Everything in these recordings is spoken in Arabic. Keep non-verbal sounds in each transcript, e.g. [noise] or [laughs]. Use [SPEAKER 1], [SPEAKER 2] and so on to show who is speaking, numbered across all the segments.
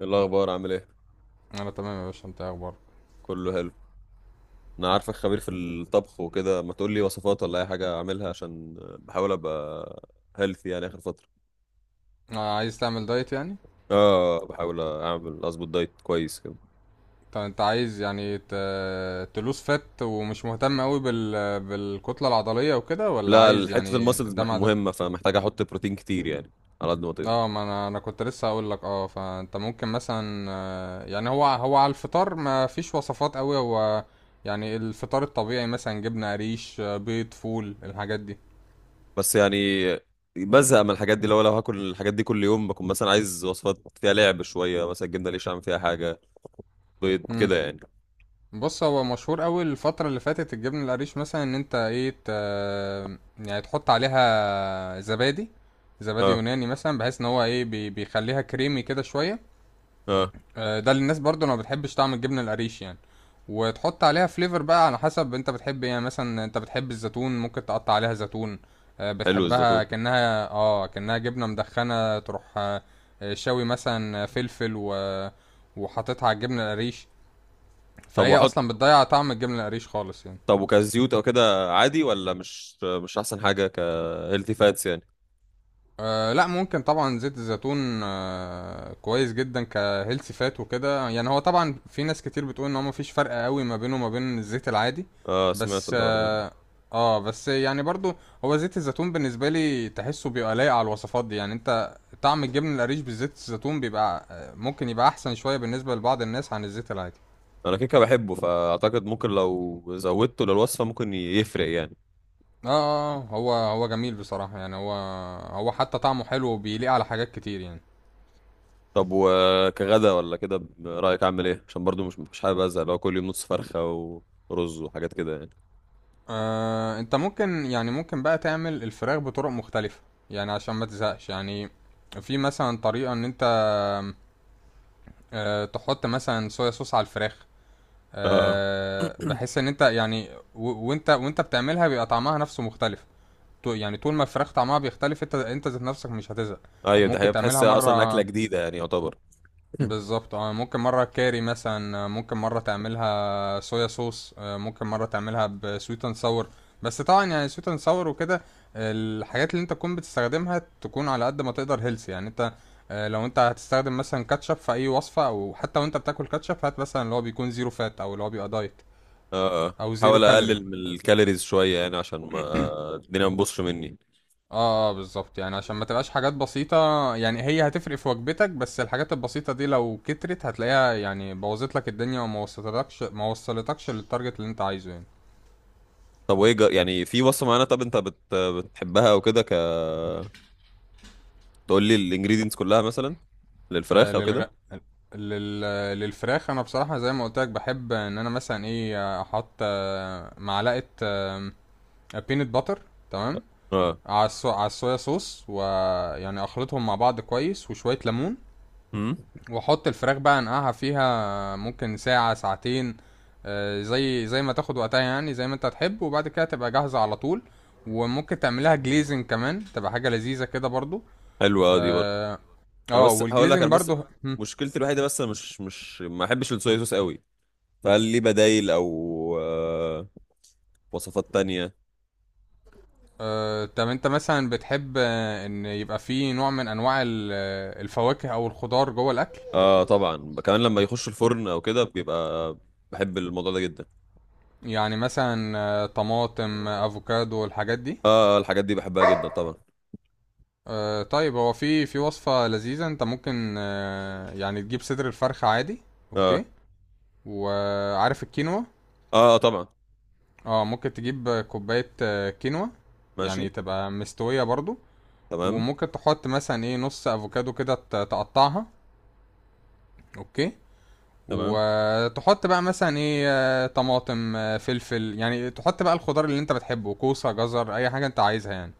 [SPEAKER 1] إيه الاخبار عامل ايه؟
[SPEAKER 2] انا تمام يا باشا، انت إيه اخبارك؟
[SPEAKER 1] كله حلو. انا عارفك خبير في الطبخ وكده، ما تقول لي وصفات ولا اي حاجه اعملها عشان بحاول ابقى هيلثي يعني اخر فتره.
[SPEAKER 2] عايز تعمل دايت يعني.
[SPEAKER 1] اه، بحاول اعمل، اظبط دايت كويس كده.
[SPEAKER 2] طب انت عايز يعني تلوس فات ومش مهتم قوي بالكتلة العضلية وكده، ولا
[SPEAKER 1] لا،
[SPEAKER 2] عايز
[SPEAKER 1] حته
[SPEAKER 2] يعني
[SPEAKER 1] المسلز
[SPEAKER 2] ده مع ده؟
[SPEAKER 1] مهمه، فمحتاج احط بروتين كتير يعني، على قد ما تقدر.
[SPEAKER 2] اه، ما انا كنت لسه هقول لك فانت ممكن مثلا، يعني هو على الفطار ما فيش وصفات قوي. هو يعني الفطار الطبيعي مثلا جبنة قريش، بيض، فول، الحاجات دي.
[SPEAKER 1] بس يعني بزهق من الحاجات دي. لو هاكل الحاجات دي كل يوم، بكون مثلا عايز وصفات فيها لعب شويه، مثلا الجبنه ليش اعمل فيها حاجه، بيض
[SPEAKER 2] مم.
[SPEAKER 1] كده يعني.
[SPEAKER 2] بص، هو مشهور قوي الفترة اللي فاتت الجبنة القريش مثلا، ان انت ايه يعني تحط عليها زبادي، زبادي
[SPEAKER 1] اه،
[SPEAKER 2] يوناني مثلا، بحيث ان هو ايه بيخليها كريمي كده شوية.
[SPEAKER 1] اه.
[SPEAKER 2] ده للناس برضو اللي ما بتحبش طعم الجبنة القريش يعني. وتحط عليها فليفر بقى على حسب انت بتحب ايه، يعني مثلا انت بتحب الزيتون ممكن تقطع عليها زيتون،
[SPEAKER 1] حلو
[SPEAKER 2] بتحبها
[SPEAKER 1] الزيتون.
[SPEAKER 2] كأنها جبنة مدخنة، تروح شوي مثلا فلفل وحاططها على الجبنة القريش،
[SPEAKER 1] طب
[SPEAKER 2] فهي
[SPEAKER 1] واحط،
[SPEAKER 2] اصلا بتضيع طعم الجبنه القريش خالص يعني.
[SPEAKER 1] طب وكزيوت او كده عادي ولا مش احسن حاجه كهيلثي فاتس يعني؟
[SPEAKER 2] لا، ممكن طبعا زيت الزيتون، كويس جدا كهيلثي فات وكده. يعني هو طبعا في ناس كتير بتقول ان هو مفيش فرق قوي ما بينه وما بين الزيت العادي،
[SPEAKER 1] اه، سمعت
[SPEAKER 2] بس
[SPEAKER 1] الحوار ده.
[SPEAKER 2] اه آه، بس يعني برضو هو زيت الزيتون بالنسبه لي تحسه بيبقى لايق على الوصفات دي، يعني انت طعم الجبن القريش بالزيت الزيتون بيبقى، ممكن يبقى احسن شويه بالنسبه لبعض الناس عن الزيت العادي.
[SPEAKER 1] انا كيكه بحبه، فاعتقد ممكن لو زودته للوصفه ممكن يفرق يعني.
[SPEAKER 2] اه، هو جميل بصراحه يعني. هو هو حتى طعمه حلو وبيليق على حاجات كتير يعني.
[SPEAKER 1] طب وكغدا ولا كده رايك اعمل ايه؟ عشان برضو مش حابب ازهق لو كل يوم نص فرخه ورز وحاجات كده يعني.
[SPEAKER 2] انت ممكن يعني ممكن بقى تعمل الفراخ بطرق مختلفة يعني، عشان ما تزهقش يعني. في مثلا طريقة، ان انت تحط مثلا صويا صوص على الفراخ،
[SPEAKER 1] اه.
[SPEAKER 2] بحيث ان انت يعني وانت بتعملها بيبقى طعمها نفسه مختلف. يعني طول ما الفراخ طعمها بيختلف، انت ذات نفسك مش هتزهق.
[SPEAKER 1] ايوه، ده
[SPEAKER 2] ممكن
[SPEAKER 1] هي بتحس
[SPEAKER 2] تعملها
[SPEAKER 1] اصلا اكله
[SPEAKER 2] مرة،
[SPEAKER 1] جديده يعني يعتبر. [clears throat] [laughs]
[SPEAKER 2] بالظبط، ممكن مرة كاري مثلا، ممكن مرة تعملها صويا صوص، ممكن مرة تعملها بسويت اند ساور. بس طبعا يعني سويت اند ساور وكده، الحاجات اللي انت تكون بتستخدمها تكون على قد ما تقدر هيلثي يعني. انت لو انت هتستخدم مثلا كاتشب في اي وصفة، او حتى وانت بتاكل كاتشب، هات مثلا اللي هو بيكون زيرو فات، او اللي هو بيبقى دايت،
[SPEAKER 1] اه، آه.
[SPEAKER 2] او زيرو
[SPEAKER 1] حاول
[SPEAKER 2] كالوري.
[SPEAKER 1] اقلل من الكالوريز شويه يعني، عشان ما الدنيا ما تبوظش مني.
[SPEAKER 2] اه بالظبط، يعني عشان ما تبقاش حاجات بسيطة يعني، هي هتفرق في وجبتك، بس الحاجات البسيطة دي لو كترت هتلاقيها يعني بوظت لك الدنيا، وما وصلتكش ما وصلتكش للتارجت اللي انت عايزه يعني.
[SPEAKER 1] طب وايه؟ يعني في وصفه معينه طب انت بتحبها او كده، ك، تقول لي الانجريدينتس كلها مثلا
[SPEAKER 2] آه
[SPEAKER 1] للفراخ او كده.
[SPEAKER 2] للغ... لل... للفراخ، انا بصراحة زي ما قلت لك، بحب ان انا مثلا ايه احط، معلقة بينت باتر، تمام،
[SPEAKER 1] اه.
[SPEAKER 2] على الصويا صوص، ويعني اخلطهم مع بعض كويس، وشوية ليمون،
[SPEAKER 1] امم.
[SPEAKER 2] واحط الفراخ بقى، انقعها فيها، ممكن ساعة ساعتين، زي ما تاخد وقتها، يعني زي ما انت هتحب، وبعد كده تبقى جاهزة على طول. وممكن تعملها جليزنج كمان، تبقى حاجة لذيذة كده برضو.
[SPEAKER 1] حلوه اه، دي برضه.
[SPEAKER 2] اه
[SPEAKER 1] انا بس هقول لك،
[SPEAKER 2] والجليزنج
[SPEAKER 1] انا بس
[SPEAKER 2] برضو. هم.
[SPEAKER 1] مشكلتي الوحيده بس انا مش ما احبش الصويا صوص قوي. فهل لي بدايل او آه، وصفات تانية؟
[SPEAKER 2] طب انت مثلا بتحب ان يبقى فيه نوع من انواع الفواكه او الخضار جوه الاكل؟
[SPEAKER 1] اه طبعا، كمان لما يخش الفرن او كده بيبقى، بحب الموضوع ده جدا.
[SPEAKER 2] يعني مثلا، طماطم، افوكادو، الحاجات دي.
[SPEAKER 1] اه الحاجات دي بحبها جدا طبعا.
[SPEAKER 2] طيب، هو في وصفة لذيذة، انت ممكن يعني تجيب صدر الفرخة عادي. اوكي،
[SPEAKER 1] اه،
[SPEAKER 2] وعارف الكينوا.
[SPEAKER 1] اه طبعا.
[SPEAKER 2] اه، ممكن تجيب كوباية كينوا، يعني
[SPEAKER 1] ماشي.
[SPEAKER 2] تبقى مستوية برضو.
[SPEAKER 1] تمام.
[SPEAKER 2] وممكن تحط مثلا ايه نص افوكادو كده تقطعها. اوكي،
[SPEAKER 1] تمام.
[SPEAKER 2] وتحط بقى مثلا ايه، طماطم، فلفل، يعني تحط بقى الخضار اللي انت بتحبه، كوسة، جزر، اي حاجة انت عايزها يعني.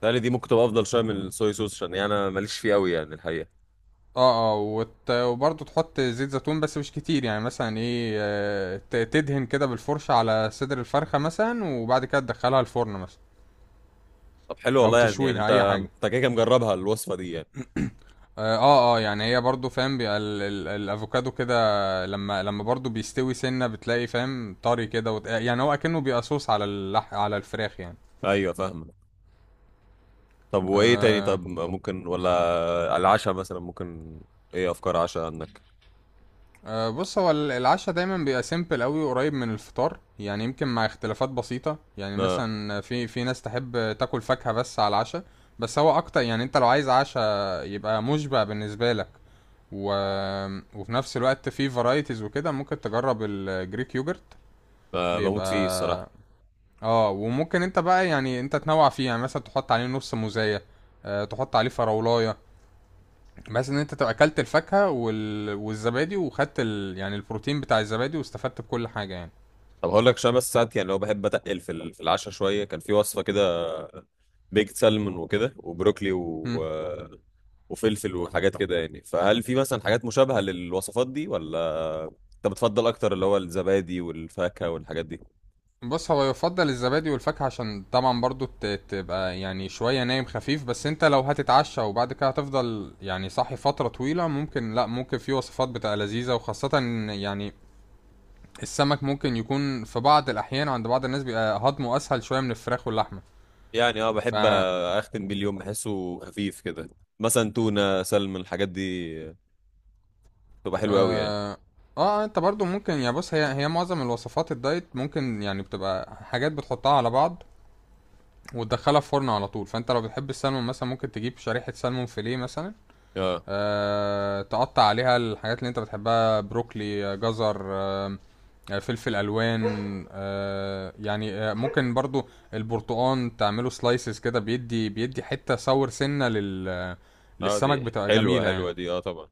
[SPEAKER 1] تهيألي دي ممكن تبقى افضل شويه من الصويا صوص، عشان يعني انا ماليش فيه قوي يعني الحقيقه.
[SPEAKER 2] اه، اه، وبرضه تحط زيت زيتون بس مش كتير، يعني مثلا ايه تدهن كده بالفرشة على صدر الفرخة مثلا، وبعد كده تدخلها الفرن مثلا،
[SPEAKER 1] طب حلو
[SPEAKER 2] او
[SPEAKER 1] والله، يعني يعني
[SPEAKER 2] تشويها،
[SPEAKER 1] انت،
[SPEAKER 2] اي حاجة.
[SPEAKER 1] انت كده كده مجربها الوصفه دي يعني؟
[SPEAKER 2] اه، يعني هي برضه فاهم، بيبقى الافوكادو كده، لما برضه بيستوي سنة بتلاقي فاهم طري كده، يعني هو اكنه بيبقى صوص على الفراخ يعني.
[SPEAKER 1] ايوه فاهمه. طب وايه تاني؟
[SPEAKER 2] آه
[SPEAKER 1] طب ممكن ولا، على العشاء مثلا، ممكن، ايه افكار عشاء عندك؟
[SPEAKER 2] أه بص، هو العشاء دايما بيبقى سيمبل قوي، قريب من الفطار يعني، يمكن مع اختلافات بسيطة. يعني
[SPEAKER 1] اه،
[SPEAKER 2] مثلا في ناس تحب تاكل فاكهة بس على العشاء، بس هو اكتر يعني انت لو عايز عشاء يبقى مشبع بالنسبة لك، و... وفي نفس الوقت في فرايتيز وكده، ممكن تجرب الجريك يوجرت.
[SPEAKER 1] بموت فيه
[SPEAKER 2] بيبقى،
[SPEAKER 1] الصراحه.
[SPEAKER 2] اه، وممكن انت بقى يعني انت تنوع فيه، يعني مثلا تحط عليه نص موزاية، تحط عليه فراولاية، بس ان انت تبقى اكلت الفاكهة والزبادي، وخدت يعني البروتين بتاع الزبادي، واستفدت بكل حاجة يعني.
[SPEAKER 1] طب هقول لك، عشان بس ساعات يعني لو بحب اتقل في في العشاء شويه، كان في وصفه كده بيكت سالمون وكده وبروكلي
[SPEAKER 2] مم.
[SPEAKER 1] و... وفلفل وحاجات كده يعني، فهل في مثلا حاجات مشابهه للوصفات دي ولا انت بتفضل اكتر اللي هو الزبادي والفاكهه والحاجات دي؟
[SPEAKER 2] بص، هو يفضل الزبادي والفاكهة عشان طبعا برضو تبقى يعني شوية نايم خفيف. بس انت لو هتتعشى وبعد كده هتفضل يعني صاحي فترة طويلة، ممكن لا ممكن في وصفات بتبقى لذيذة، وخاصة إن يعني السمك ممكن يكون في بعض الأحيان عند بعض الناس بيبقى هضمه أسهل شوية من الفراخ واللحمة.
[SPEAKER 1] يعني اه،
[SPEAKER 2] ف،
[SPEAKER 1] بحب اختم بيه اليوم، بحسه خفيف كده. مثلا تونه، سلمون، الحاجات دي تبقى حلوه قوي يعني.
[SPEAKER 2] اه اه انت برضو ممكن يعني، بص، هي معظم الوصفات الدايت ممكن يعني بتبقى حاجات بتحطها على بعض وتدخلها في فرن على طول. فانت لو بتحب السلمون مثلا، ممكن تجيب شريحة سلمون فيليه مثلا،
[SPEAKER 1] اه،
[SPEAKER 2] تقطع عليها الحاجات اللي انت بتحبها، بروكلي، جزر، فلفل الوان، يعني، ممكن برضو البرتقان تعمله سلايسز كده، بيدي بيدي، حتة صور سنة لل
[SPEAKER 1] اه دي
[SPEAKER 2] للسمك بتبقى
[SPEAKER 1] حلوه،
[SPEAKER 2] جميلة يعني.
[SPEAKER 1] حلوه دي، اه طبعا.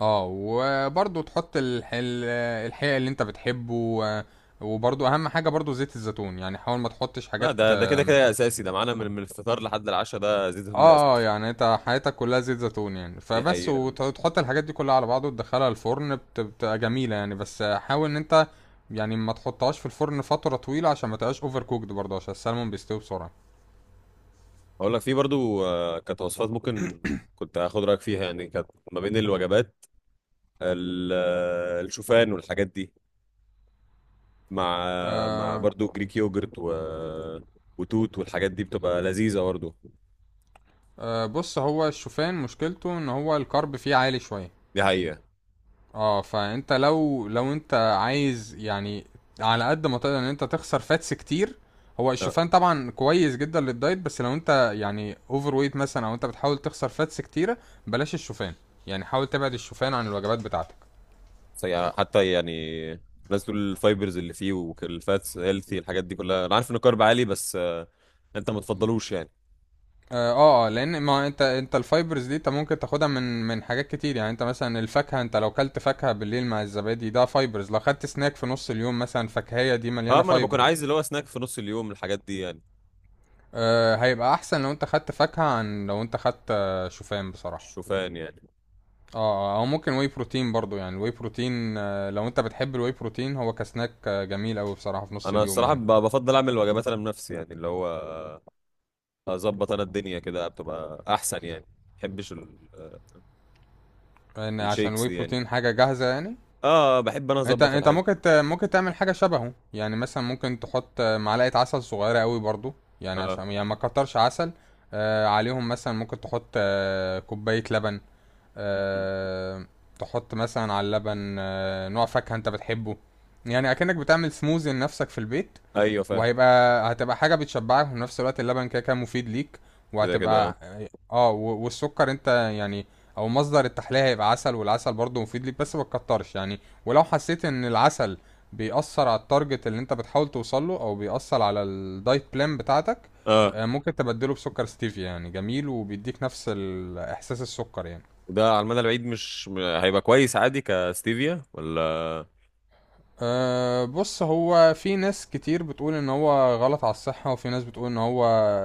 [SPEAKER 2] اه، وبرضو تحط الحقيقة اللي انت بتحبه، وبرضو اهم حاجة برضو زيت الزيتون، يعني حاول ما تحطش
[SPEAKER 1] لا
[SPEAKER 2] حاجات
[SPEAKER 1] ده، ده كده كده اساسي. ده معانا من الفطار لحد العشاء، ده زيت الزيتون ده اساسي.
[SPEAKER 2] يعني انت حياتك كلها زيت زيتون يعني،
[SPEAKER 1] دي
[SPEAKER 2] فبس،
[SPEAKER 1] حقيقة.
[SPEAKER 2] وتحط الحاجات دي كلها على بعض وتدخلها الفرن، بتبقى جميلة يعني. بس حاول ان انت يعني ما تحطهاش في الفرن فترة طويلة عشان ما تبقاش اوفر كوكد، برضه عشان السلمون بيستوي بسرعة.
[SPEAKER 1] اقول لك، في برضو آه، كانت وصفات ممكن كنت هاخد رايك فيها يعني، كانت ما بين الوجبات، آه، الشوفان والحاجات دي، مع آه، مع
[SPEAKER 2] آه
[SPEAKER 1] برضو جريك يوجرت و... وتوت والحاجات دي بتبقى لذيذه برضو.
[SPEAKER 2] بص، هو الشوفان مشكلته ان هو الكارب فيه عالي شوية،
[SPEAKER 1] دي حقيقه.
[SPEAKER 2] اه. فانت لو انت عايز يعني على قد ما تقدر ان انت تخسر فاتس كتير، هو
[SPEAKER 1] لا
[SPEAKER 2] الشوفان طبعا كويس جدا للدايت، بس لو انت يعني اوفر ويت مثلا، او انت بتحاول تخسر فاتس كتيره، بلاش الشوفان، يعني حاول تبعد الشوفان عن الوجبات بتاعتك.
[SPEAKER 1] حتى يعني الناس تقول الفايبرز اللي فيه والفاتس هيلثي، الحاجات دي كلها، انا عارف ان الكارب عالي، بس آه، انت ما تفضلوش يعني؟
[SPEAKER 2] لان ما انت الفايبرز دي انت ممكن تاخدها من حاجات كتير. يعني انت مثلا الفاكهه، انت لو كلت فاكهه بالليل مع الزبادي ده فايبرز، لو خدت سناك في نص اليوم مثلا فاكهيه، دي
[SPEAKER 1] اه،
[SPEAKER 2] مليانه
[SPEAKER 1] ما انا بكون
[SPEAKER 2] فايبرز.
[SPEAKER 1] عايز اللي هو سناك في نص اليوم الحاجات دي يعني.
[SPEAKER 2] هيبقى احسن لو انت خدت فاكهة عن لو انت خدت شوفان بصراحة.
[SPEAKER 1] الشوفان يعني.
[SPEAKER 2] او ممكن واي بروتين برضو، يعني الواي بروتين، لو انت بتحب الواي بروتين هو كسناك، جميل اوي بصراحة في نص
[SPEAKER 1] انا
[SPEAKER 2] اليوم
[SPEAKER 1] الصراحه
[SPEAKER 2] يعني،
[SPEAKER 1] بفضل اعمل وجبات انا بنفسي يعني، اللي هو اظبط انا الدنيا كده بتبقى احسن يعني. ما بحبش
[SPEAKER 2] لان عشان
[SPEAKER 1] الشيكس
[SPEAKER 2] الواي
[SPEAKER 1] دي يعني.
[SPEAKER 2] بروتين حاجة جاهزة يعني.
[SPEAKER 1] اه بحب انا
[SPEAKER 2] انت
[SPEAKER 1] اظبط
[SPEAKER 2] انت
[SPEAKER 1] الحاجه.
[SPEAKER 2] ممكن ممكن تعمل حاجة شبهه يعني. مثلا ممكن تحط، معلقة عسل صغيرة اوي برضو، يعني
[SPEAKER 1] اه.
[SPEAKER 2] عشان يعني ما كترش عسل عليهم. مثلا ممكن تحط كوباية لبن،
[SPEAKER 1] م-م.
[SPEAKER 2] آه، تحط مثلا على اللبن نوع فاكهة انت بتحبه، يعني اكنك بتعمل سموزي لنفسك في البيت.
[SPEAKER 1] ايوه فاهم.
[SPEAKER 2] هتبقى حاجة بتشبعك، وفي نفس الوقت اللبن كده كده مفيد ليك،
[SPEAKER 1] كده كده اه.
[SPEAKER 2] وهتبقى والسكر انت يعني، او مصدر التحلية هيبقى عسل، والعسل برضه مفيد ليك بس ما تكترش يعني. ولو حسيت ان العسل بيأثر على التارجت اللي انت بتحاول توصله، او بيأثر على الدايت بلان بتاعتك،
[SPEAKER 1] اه،
[SPEAKER 2] ممكن تبدله بسكر ستيفيا يعني، جميل وبيديك نفس احساس السكر يعني.
[SPEAKER 1] وده على المدى البعيد مش م- هيبقى كويس عادي كستيفيا ولا؟
[SPEAKER 2] بص، هو في ناس كتير بتقول ان هو غلط على الصحة، وفي ناس بتقول ان هو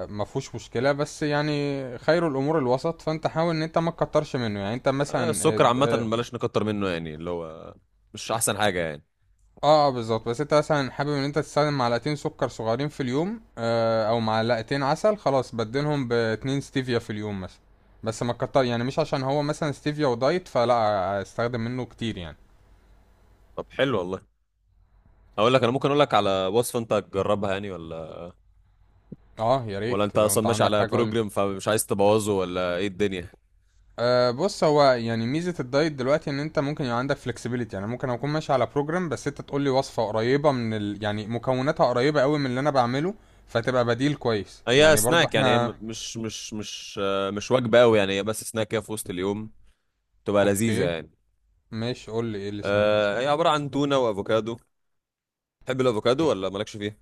[SPEAKER 2] ما فيهوش مشكلة، بس يعني خير الامور الوسط، فانت حاول ان انت ما تكترش منه يعني. انت
[SPEAKER 1] آه
[SPEAKER 2] مثلا،
[SPEAKER 1] السكر عامه
[SPEAKER 2] اه
[SPEAKER 1] بلاش نكتر منه يعني، اللي هو مش احسن حاجه يعني.
[SPEAKER 2] بالظبط، بس انت مثلا حابب ان انت تستخدم معلقتين سكر صغيرين في اليوم، او معلقتين عسل، خلاص بدلهم باتنين ستيفيا في اليوم مثلا، بس ما تكتر يعني، مش عشان هو مثلا ستيفيا ودايت فلا استخدم منه كتير يعني.
[SPEAKER 1] طب حلو والله. اقول لك، انا ممكن اقول لك على وصفه انت تجربها يعني، ولا
[SPEAKER 2] اه، يا
[SPEAKER 1] ولا انت
[SPEAKER 2] ريت لو
[SPEAKER 1] اصلا
[SPEAKER 2] انت
[SPEAKER 1] ماشي
[SPEAKER 2] عندك
[SPEAKER 1] على
[SPEAKER 2] حاجة قولي.
[SPEAKER 1] بروجرام فمش عايز تبوظه ولا ايه الدنيا؟
[SPEAKER 2] بص، هو يعني ميزة الدايت دلوقتي ان انت ممكن يبقى عندك flexibility، يعني ممكن اكون ماشي على بروجرام بس انت تقول لي وصفة قريبة يعني مكوناتها قريبة قوي من اللي انا بعمله، فتبقى بديل كويس
[SPEAKER 1] هي
[SPEAKER 2] يعني برضو
[SPEAKER 1] سناك يعني، هي
[SPEAKER 2] احنا.
[SPEAKER 1] مش وجبة قوي يعني، هي بس سناك كده في وسط اليوم، تبقى لذيذة
[SPEAKER 2] اوكي،
[SPEAKER 1] يعني.
[SPEAKER 2] ماشي، قول لي ايه السناك.
[SPEAKER 1] آه، هي عبارة عن تونة وافوكادو. تحب الافوكادو
[SPEAKER 2] اوكي،
[SPEAKER 1] ولا مالكش فيه؟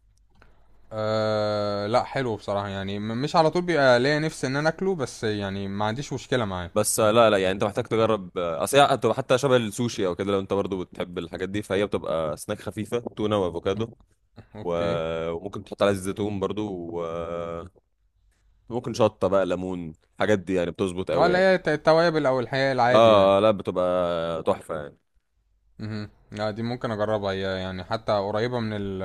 [SPEAKER 2] لا، حلو بصراحة يعني، مش على طول بيبقى ليا نفسي ان انا اكله، بس يعني ما عنديش مشكلة معاه.
[SPEAKER 1] بس آه، لا لا يعني انت محتاج تجرب آه، اصل هي بتبقى حتى شبه السوشي او كده، لو انت برضو بتحب الحاجات دي، فهي بتبقى سناك خفيفة، تونة وافوكادو،
[SPEAKER 2] اوكي،
[SPEAKER 1] وممكن تحط عليها زيت زيتون برضو، و، وممكن شطة بقى، ليمون، الحاجات دي يعني بتظبط
[SPEAKER 2] اه،
[SPEAKER 1] قوي
[SPEAKER 2] لا،
[SPEAKER 1] يعني.
[SPEAKER 2] هي التوابل او الحقيقة العادي يعني.
[SPEAKER 1] اه، آه، لا بتبقى تحفة يعني.
[SPEAKER 2] مهم. لا، دي ممكن اجربها هي، يعني حتى قريبة من ال،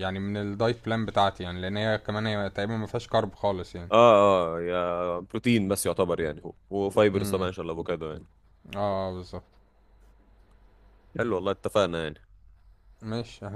[SPEAKER 2] يعني من الدايت بلان بتاعتي، يعني لان هي كمان هي تقريبا ما فيهاش كارب خالص يعني.
[SPEAKER 1] اه، اه يا بروتين بس يعتبر يعني، وفايبرز طبعا
[SPEAKER 2] امم،
[SPEAKER 1] ان شاء الله، افوكادو يعني.
[SPEAKER 2] اه، بالظبط.
[SPEAKER 1] حلو والله، اتفقنا يعني.
[SPEAKER 2] ماشي.